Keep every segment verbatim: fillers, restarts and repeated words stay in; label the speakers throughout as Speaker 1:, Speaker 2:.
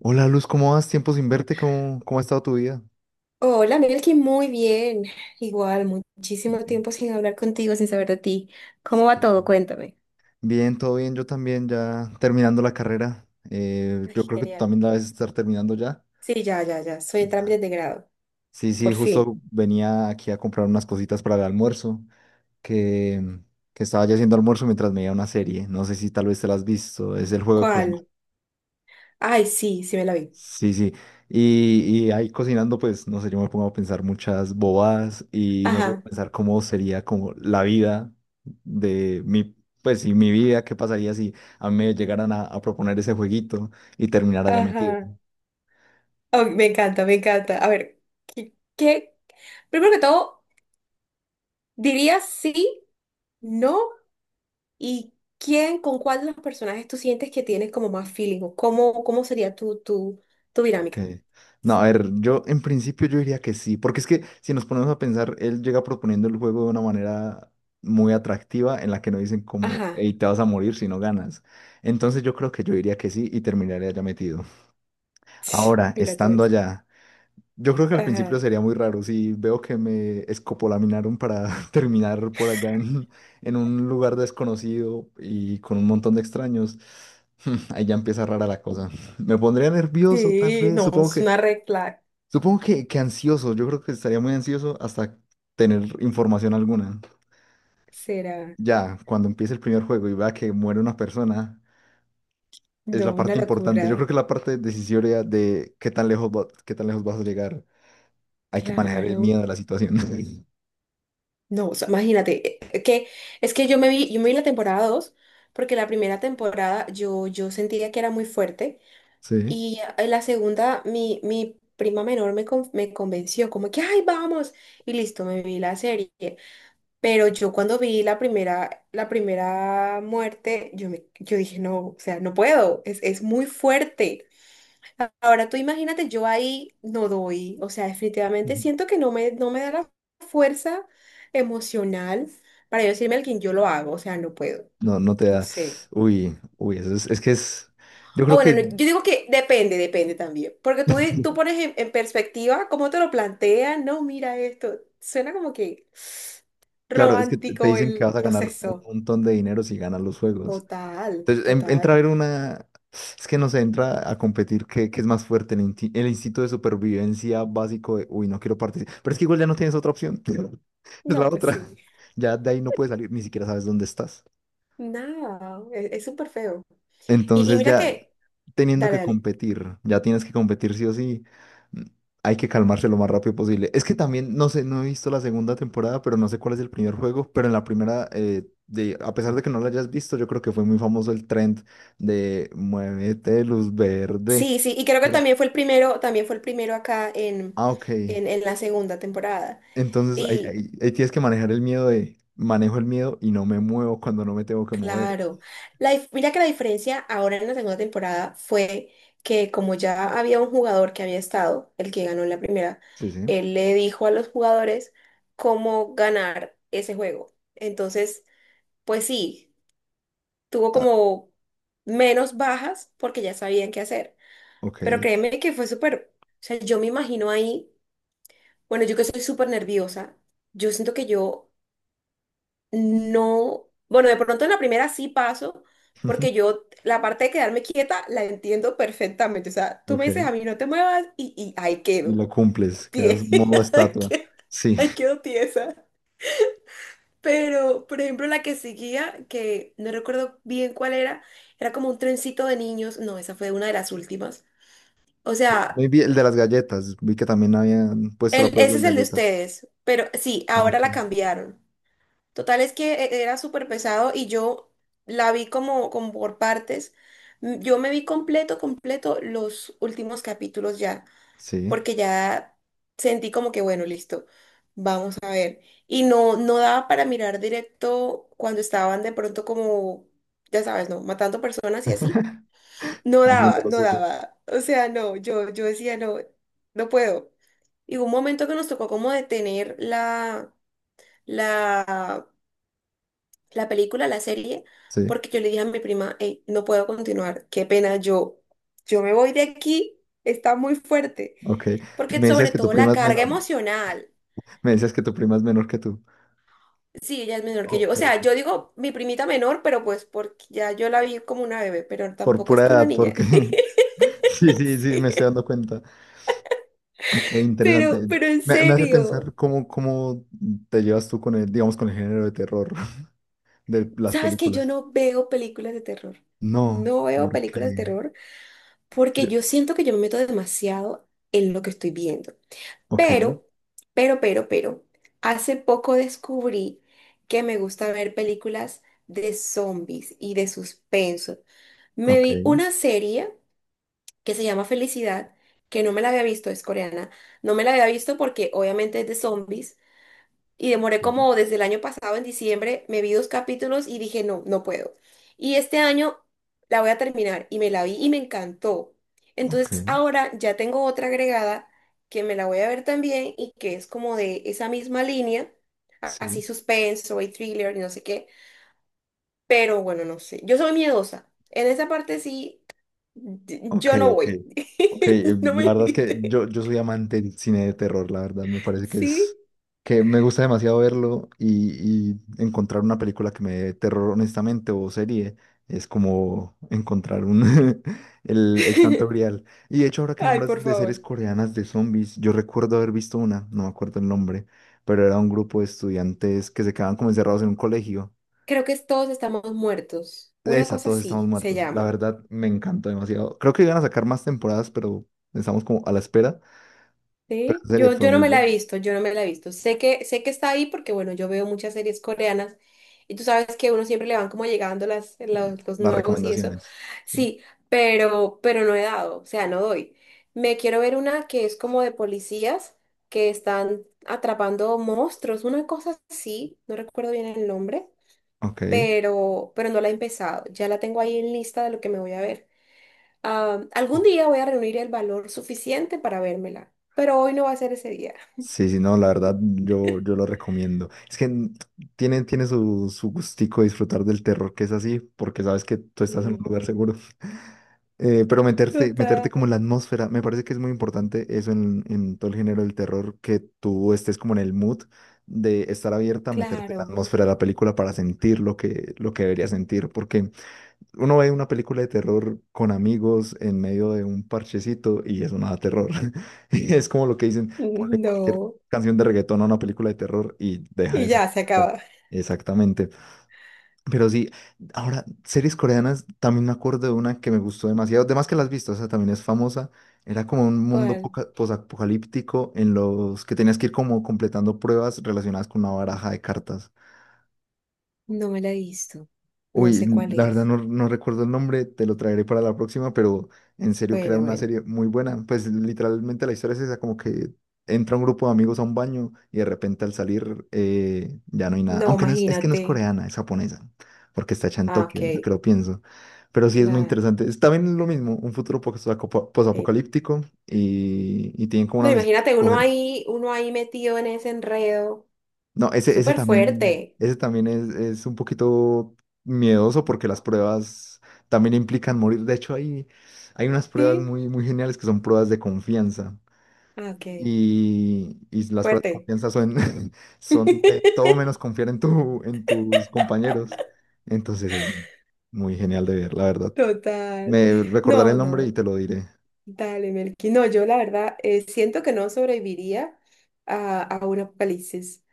Speaker 1: Hola Luz, ¿cómo vas? Tiempo sin verte, ¿cómo, cómo ha estado tu vida?
Speaker 2: Hola, Melkin, muy bien. Igual, muchísimo
Speaker 1: Bien.
Speaker 2: tiempo sin hablar contigo, sin saber de ti.
Speaker 1: Sí.
Speaker 2: ¿Cómo va todo? Cuéntame.
Speaker 1: Bien, todo bien, yo también ya terminando la carrera. Eh,
Speaker 2: Ay,
Speaker 1: yo creo que tú
Speaker 2: genial.
Speaker 1: también la debes estar terminando ya.
Speaker 2: Sí, ya, ya, ya. Soy en
Speaker 1: Ya.
Speaker 2: trámites de grado.
Speaker 1: Sí, sí,
Speaker 2: Por fin.
Speaker 1: justo venía aquí a comprar unas cositas para el almuerzo, que, que estaba ya haciendo almuerzo mientras me veía una serie. No sé si tal vez te la has visto, es el juego de calamar.
Speaker 2: ¿Cuál? Ay, sí, sí me la vi.
Speaker 1: Sí, sí. Y, y ahí cocinando, pues, no sé, yo me pongo a pensar muchas bobadas y me pongo a
Speaker 2: Ajá,
Speaker 1: pensar cómo sería como la vida de mi, pues, y mi vida, qué pasaría si a mí me llegaran a, a proponer ese jueguito y terminar allá metido.
Speaker 2: ajá. Oh, me encanta, me encanta. A ver, ¿qué, qué? Primero que todo, diría sí, no, y quién, con cuál de los personajes tú sientes que tienes como más feeling o cómo, cómo sería tu, tu, tu
Speaker 1: Ok.
Speaker 2: dinámica.
Speaker 1: No, a ver, yo en principio yo diría que sí, porque es que si nos ponemos a pensar, él llega proponiendo el juego de una manera muy atractiva en la que no dicen como,
Speaker 2: Ajá.
Speaker 1: hey, te vas a morir si no ganas. Entonces yo creo que yo diría que sí y terminaría ya metido. Ahora,
Speaker 2: Mira tú
Speaker 1: estando
Speaker 2: eso.
Speaker 1: allá, yo creo que al principio sería muy raro si veo que me escopolaminaron para terminar por allá en, en un lugar desconocido y con un montón de extraños. Ahí ya empieza rara la cosa. Me pondría nervioso, tal
Speaker 2: Sí,
Speaker 1: vez.
Speaker 2: no,
Speaker 1: Supongo
Speaker 2: es
Speaker 1: que,
Speaker 2: una red flag,
Speaker 1: supongo que, que ansioso. Yo creo que estaría muy ansioso hasta tener información alguna.
Speaker 2: será,
Speaker 1: Ya, cuando empiece el primer juego y vea que muere una persona, es la
Speaker 2: no, una
Speaker 1: parte importante. Yo creo
Speaker 2: locura,
Speaker 1: que la parte decisoria de qué tan lejos va- qué tan lejos vas a llegar. Hay que manejar el
Speaker 2: claro,
Speaker 1: miedo de la situación.
Speaker 2: no, o sea, imagínate, eh, eh, que es que yo me vi, yo me vi la temporada dos, porque la primera temporada yo, yo sentía que era muy fuerte,
Speaker 1: Sí.
Speaker 2: y en la segunda mi, mi prima menor me, con- me convenció, como que, ay, vamos, y listo, me vi la serie, pero yo cuando vi la primera, la primera muerte, yo, me, yo dije, no, o sea, no puedo, es, es muy fuerte. Ahora tú imagínate, yo ahí no doy, o sea, definitivamente
Speaker 1: Ujú.
Speaker 2: siento que no me, no me da la fuerza emocional para yo decirme a quien yo lo hago, o sea, no puedo,
Speaker 1: No, no te
Speaker 2: no
Speaker 1: da.
Speaker 2: sé.
Speaker 1: Uy, uy, eso es, es que es. Yo
Speaker 2: O
Speaker 1: creo
Speaker 2: bueno,
Speaker 1: que,
Speaker 2: no, yo digo que depende, depende también, porque tú, tú pones en, en perspectiva cómo te lo plantean, no, mira esto, suena como que
Speaker 1: claro, es que te te
Speaker 2: romántico
Speaker 1: dicen que vas
Speaker 2: el
Speaker 1: a ganar un
Speaker 2: proceso.
Speaker 1: montón de dinero si ganas los juegos.
Speaker 2: Total,
Speaker 1: Entonces, en- entra a
Speaker 2: total.
Speaker 1: ver una. Es que no sé, entra a competir qué, qué es más fuerte, el, inti- el instinto de supervivencia básico de, uy, no quiero participar. Pero es que igual ya no tienes otra opción. Es la
Speaker 2: No, pues sí.
Speaker 1: otra. Ya de ahí no puedes salir, ni siquiera sabes dónde estás.
Speaker 2: Nada, es es súper feo. Y, y
Speaker 1: Entonces
Speaker 2: mira
Speaker 1: ya
Speaker 2: que,
Speaker 1: teniendo
Speaker 2: dale,
Speaker 1: que
Speaker 2: dale.
Speaker 1: competir, ya tienes que competir sí o sí, mm, hay que calmarse lo más rápido posible. Es que también, no sé, no he visto la segunda temporada, pero no sé cuál es el primer juego, pero en la primera, eh, de, a pesar de que no la hayas visto, yo creo que fue muy famoso el trend de muévete, luz verde.
Speaker 2: Sí, sí, y creo que
Speaker 1: Era-
Speaker 2: también fue el primero, también fue el primero acá en,
Speaker 1: ah, ok.
Speaker 2: en, en la segunda temporada.
Speaker 1: Entonces ahí,
Speaker 2: Y
Speaker 1: ahí- ahí tienes que manejar el miedo de, manejo el miedo y no me muevo cuando no me tengo que mover.
Speaker 2: claro, la, dif- mira que la diferencia ahora en la segunda temporada fue que como ya había un jugador que había estado, el que ganó en la primera,
Speaker 1: Sí, sí.
Speaker 2: él le dijo a los jugadores cómo ganar ese juego. Entonces, pues sí, tuvo
Speaker 1: Ah,
Speaker 2: como menos bajas porque ya sabían qué hacer.
Speaker 1: ok.
Speaker 2: Pero créeme que fue súper, o sea, yo me imagino ahí. Bueno, yo que soy súper nerviosa, yo siento que yo no, bueno, de pronto en la primera sí paso, porque yo la parte de quedarme quieta la entiendo perfectamente. O sea, tú me
Speaker 1: Ok.
Speaker 2: dices a mí no te muevas y, y ahí
Speaker 1: Y
Speaker 2: quedo,
Speaker 1: lo cumples,
Speaker 2: tie-
Speaker 1: quedas modo
Speaker 2: ahí
Speaker 1: estatua.
Speaker 2: que-
Speaker 1: Sí.
Speaker 2: ahí quedo tiesa. Pero, por ejemplo, la que seguía, que no recuerdo bien cuál era, era como un trencito de niños. No, esa fue una de las últimas. O
Speaker 1: Muy
Speaker 2: sea,
Speaker 1: bien, el de las galletas. Vi que también habían puesto la
Speaker 2: el,
Speaker 1: prueba de
Speaker 2: ese
Speaker 1: las
Speaker 2: es el de
Speaker 1: galletas.
Speaker 2: ustedes, pero sí,
Speaker 1: Ah,
Speaker 2: ahora
Speaker 1: ok.
Speaker 2: la cambiaron. Total es que e- era súper pesado y yo la vi como, como por partes. M- Yo me vi completo, completo los últimos capítulos ya,
Speaker 1: Sí.
Speaker 2: porque ya sentí como que, bueno, listo, vamos a... Y no, no daba para mirar directo cuando estaban de pronto como, ya sabes, ¿no? Matando personas y así. No
Speaker 1: Haciendo
Speaker 2: daba,
Speaker 1: lo
Speaker 2: no
Speaker 1: suyo.
Speaker 2: daba. O sea, no, yo, yo decía, no, no puedo. Y hubo un momento que nos tocó como detener la... la la película, la serie,
Speaker 1: Sí.
Speaker 2: porque yo le dije a mi prima: "Ey, no puedo continuar, qué pena, yo, yo me voy de aquí, está muy fuerte,
Speaker 1: Ok. Y
Speaker 2: porque
Speaker 1: me decías
Speaker 2: sobre
Speaker 1: que tu
Speaker 2: todo la
Speaker 1: prima es
Speaker 2: carga
Speaker 1: menor.
Speaker 2: emocional,
Speaker 1: Me decías que tu prima es menor que tú.
Speaker 2: sí, ella es menor que yo,
Speaker 1: Ok.
Speaker 2: o sea, yo digo mi primita menor, pero pues porque ya yo la vi como una bebé, pero
Speaker 1: Por
Speaker 2: tampoco es
Speaker 1: pura
Speaker 2: una
Speaker 1: edad,
Speaker 2: niña".
Speaker 1: porque. Sí, sí, sí, me
Speaker 2: Sí,
Speaker 1: estoy dando cuenta. Ok, interesante.
Speaker 2: pero, pero en
Speaker 1: Me, me hace
Speaker 2: serio,
Speaker 1: pensar cómo, cómo te llevas tú con el, digamos, con el género de terror de las
Speaker 2: ¿sabes que yo
Speaker 1: películas.
Speaker 2: no veo películas de terror?
Speaker 1: No,
Speaker 2: No veo películas de
Speaker 1: porque.
Speaker 2: terror
Speaker 1: Yo...
Speaker 2: porque yo siento que yo me meto demasiado en lo que estoy viendo.
Speaker 1: Ok,
Speaker 2: Pero, pero, pero, pero, hace poco descubrí que me gusta ver películas de zombies y de suspenso. Me vi
Speaker 1: ok.
Speaker 2: una serie que se llama Felicidad, que no me la había visto, es coreana. No me la había visto porque obviamente es de zombies. Y demoré
Speaker 1: Sí.
Speaker 2: como desde el año pasado, en diciembre, me vi dos capítulos y dije, no, no puedo. Y este año la voy a terminar y me la vi y me encantó.
Speaker 1: Ok,
Speaker 2: Entonces ahora ya tengo otra agregada que me la voy a ver también y que es como de esa misma línea, a- así
Speaker 1: sí.
Speaker 2: suspenso y thriller y no sé qué. Pero bueno, no sé. Yo soy miedosa. En esa parte sí, d-
Speaker 1: Ok,
Speaker 2: yo no
Speaker 1: ok.
Speaker 2: voy.
Speaker 1: Ok, eh,
Speaker 2: No me
Speaker 1: la verdad es que
Speaker 2: invite.
Speaker 1: yo, yo soy amante del cine de terror, la verdad, me parece que es
Speaker 2: Sí.
Speaker 1: que me gusta demasiado verlo y, y encontrar una película que me dé terror honestamente o serie es como encontrar un el, el santo grial. Y de hecho, ahora que
Speaker 2: Ay, por
Speaker 1: nombras de series
Speaker 2: favor.
Speaker 1: coreanas de zombies, yo recuerdo haber visto una, no me acuerdo el nombre, pero era un grupo de estudiantes que se quedaban como encerrados en un colegio
Speaker 2: Creo que todos estamos muertos. Una
Speaker 1: esa,
Speaker 2: cosa
Speaker 1: todos estamos
Speaker 2: así se
Speaker 1: muertos. La
Speaker 2: llama.
Speaker 1: verdad, me encantó demasiado. Creo que iban a sacar más temporadas, pero estamos como a la espera. Pero
Speaker 2: ¿Sí?
Speaker 1: la serie
Speaker 2: Yo,
Speaker 1: fue
Speaker 2: yo no
Speaker 1: muy
Speaker 2: me la
Speaker 1: buena.
Speaker 2: he visto, yo no me la he visto. Sé que, sé que está ahí porque, bueno, yo veo muchas series coreanas y tú sabes que a uno siempre le van como llegando las, los, los
Speaker 1: Las
Speaker 2: nuevos y eso.
Speaker 1: recomendaciones. Sí.
Speaker 2: Sí, pero, pero no he dado, o sea, no doy. Me quiero ver una que es como de policías que están atrapando monstruos, una cosa así, no recuerdo bien el nombre,
Speaker 1: Ok.
Speaker 2: pero, pero no la he empezado. Ya la tengo ahí en lista de lo que me voy a ver. Ah, algún día voy a reunir el valor suficiente para vérmela, pero hoy no va a ser ese día.
Speaker 1: Sí, sí, no, la verdad yo, yo lo recomiendo. Es que mm, tiene, tiene su, su gustico disfrutar del terror que es así, porque sabes que tú estás en un
Speaker 2: Sí.
Speaker 1: lugar seguro. Eh, pero meterte, meterte
Speaker 2: Total.
Speaker 1: como en la atmósfera, me parece que es muy importante eso en, en todo el género del terror, que tú estés como en el mood de estar abierta a meterte en la
Speaker 2: Claro.
Speaker 1: atmósfera de la película para sentir lo que, lo que deberías sentir, porque uno ve una película de terror con amigos en medio de un parchecito y eso no da terror. Y es como lo que dicen, ponle cualquier
Speaker 2: No.
Speaker 1: canción de reggaetón a una película de terror y deja
Speaker 2: Y
Speaker 1: de ser
Speaker 2: ya se
Speaker 1: terror.
Speaker 2: acaba.
Speaker 1: Exactamente. Pero sí, ahora, series coreanas, también me acuerdo de una que me gustó demasiado, además que las has visto, o sea, también es famosa. Era como un mundo
Speaker 2: ¿Cuál?
Speaker 1: poca- posapocalíptico en los que tenías que ir como completando pruebas relacionadas con una baraja de cartas.
Speaker 2: No me la he visto. No
Speaker 1: Uy,
Speaker 2: sé
Speaker 1: n-
Speaker 2: cuál
Speaker 1: la verdad
Speaker 2: es.
Speaker 1: no, no recuerdo el nombre, te lo traeré para la próxima, pero en serio que era
Speaker 2: Bueno,
Speaker 1: una
Speaker 2: bueno.
Speaker 1: serie muy buena. Pues literalmente la historia es esa, como que entra un grupo de amigos a un baño y de repente al salir eh, ya no hay nada.
Speaker 2: No,
Speaker 1: Aunque no es, es que no es
Speaker 2: imagínate.
Speaker 1: coreana, es japonesa, porque está hecha en
Speaker 2: Ah, ok.
Speaker 1: Tokio, ahora que lo pienso. Pero sí es muy
Speaker 2: Claro.
Speaker 1: interesante. Es también lo mismo, un futuro posapo-
Speaker 2: Eh,
Speaker 1: posapocalíptico y, y tienen como
Speaker 2: no,
Speaker 1: una misión,
Speaker 2: imagínate uno ahí, uno ahí metido en ese enredo.
Speaker 1: no, ese, ese
Speaker 2: Súper
Speaker 1: también,
Speaker 2: fuerte.
Speaker 1: ese también es, es un poquito miedoso porque las pruebas también implican morir. De hecho, hay, hay unas pruebas
Speaker 2: Sí.
Speaker 1: muy, muy geniales que son pruebas de confianza.
Speaker 2: Ah, ok.
Speaker 1: Y, y las pruebas de
Speaker 2: Fuerte.
Speaker 1: confianza son, son de todo menos confiar en tu, en tus compañeros. Entonces es muy genial de ver, la verdad.
Speaker 2: Total.
Speaker 1: Me recordaré
Speaker 2: No,
Speaker 1: el nombre y
Speaker 2: no.
Speaker 1: te lo diré.
Speaker 2: Dale, Melqui. No, yo la verdad eh, siento que no sobreviviría a, a un apocalipsis.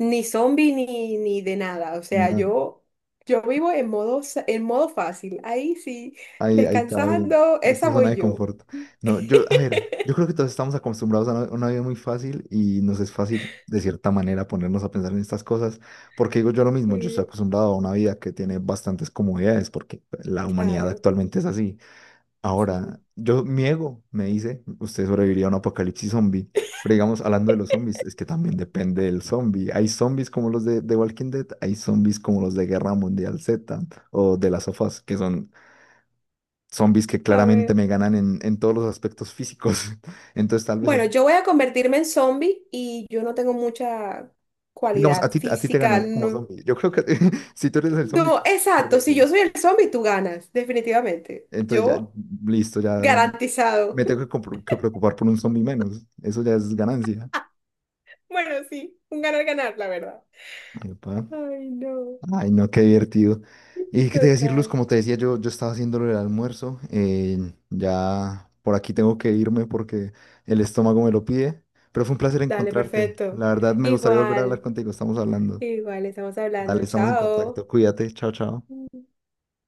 Speaker 2: Ni zombie ni, ni de nada. O sea, yo, yo vivo en modo, sa- en modo fácil. Ahí sí,
Speaker 1: Ahí, ahí está bien.
Speaker 2: descansando,
Speaker 1: Esto
Speaker 2: esa
Speaker 1: es zona
Speaker 2: voy
Speaker 1: de
Speaker 2: yo.
Speaker 1: confort. No, yo, a ver, yo creo que todos estamos acostumbrados a una, una vida muy fácil y nos es fácil, de cierta manera, ponernos a pensar en estas cosas, porque digo yo lo mismo, yo estoy
Speaker 2: Eh,
Speaker 1: acostumbrado a una vida que tiene bastantes comodidades, porque la humanidad
Speaker 2: claro,
Speaker 1: actualmente es así.
Speaker 2: sí.
Speaker 1: Ahora, yo, mi ego me dice, usted sobreviviría a un apocalipsis zombie, pero digamos, hablando de los zombies, es que también depende del zombie. Hay zombies como los de, de Walking Dead, hay zombies como los de Guerra Mundial Z o de las sofás, que son zombies que
Speaker 2: A
Speaker 1: claramente
Speaker 2: ver.
Speaker 1: me ganan en, en todos los aspectos físicos. Entonces, tal vez,
Speaker 2: Bueno,
Speaker 1: así-
Speaker 2: yo voy a convertirme en zombie y yo no tengo mucha
Speaker 1: digamos, a
Speaker 2: cualidad
Speaker 1: ti, a ti te
Speaker 2: física.
Speaker 1: ganaría como
Speaker 2: No,
Speaker 1: zombie. Yo creo que si tú eres el zombie,
Speaker 2: no, exacto. Si
Speaker 1: sobrevive.
Speaker 2: yo soy el zombie, tú ganas, definitivamente.
Speaker 1: Entonces ya,
Speaker 2: Yo
Speaker 1: listo, ya
Speaker 2: garantizado.
Speaker 1: me tengo que, compro- que preocupar por un zombie menos. Eso ya es ganancia.
Speaker 2: Bueno, sí, un ganar-ganar, la verdad.
Speaker 1: Epa.
Speaker 2: Ay, no.
Speaker 1: Ay, no, qué divertido. Y qué te voy a decir, Luz,
Speaker 2: Total.
Speaker 1: como te decía, yo, yo estaba haciéndolo el almuerzo. eh, ya por aquí tengo que irme porque el estómago me lo pide. Pero fue un placer
Speaker 2: Dale,
Speaker 1: encontrarte.
Speaker 2: perfecto.
Speaker 1: La verdad, me gustaría volver a hablar
Speaker 2: Igual,
Speaker 1: contigo. Estamos hablando.
Speaker 2: igual, estamos
Speaker 1: Dale,
Speaker 2: hablando.
Speaker 1: estamos en
Speaker 2: Chao.
Speaker 1: contacto. Cuídate. Chao, chao.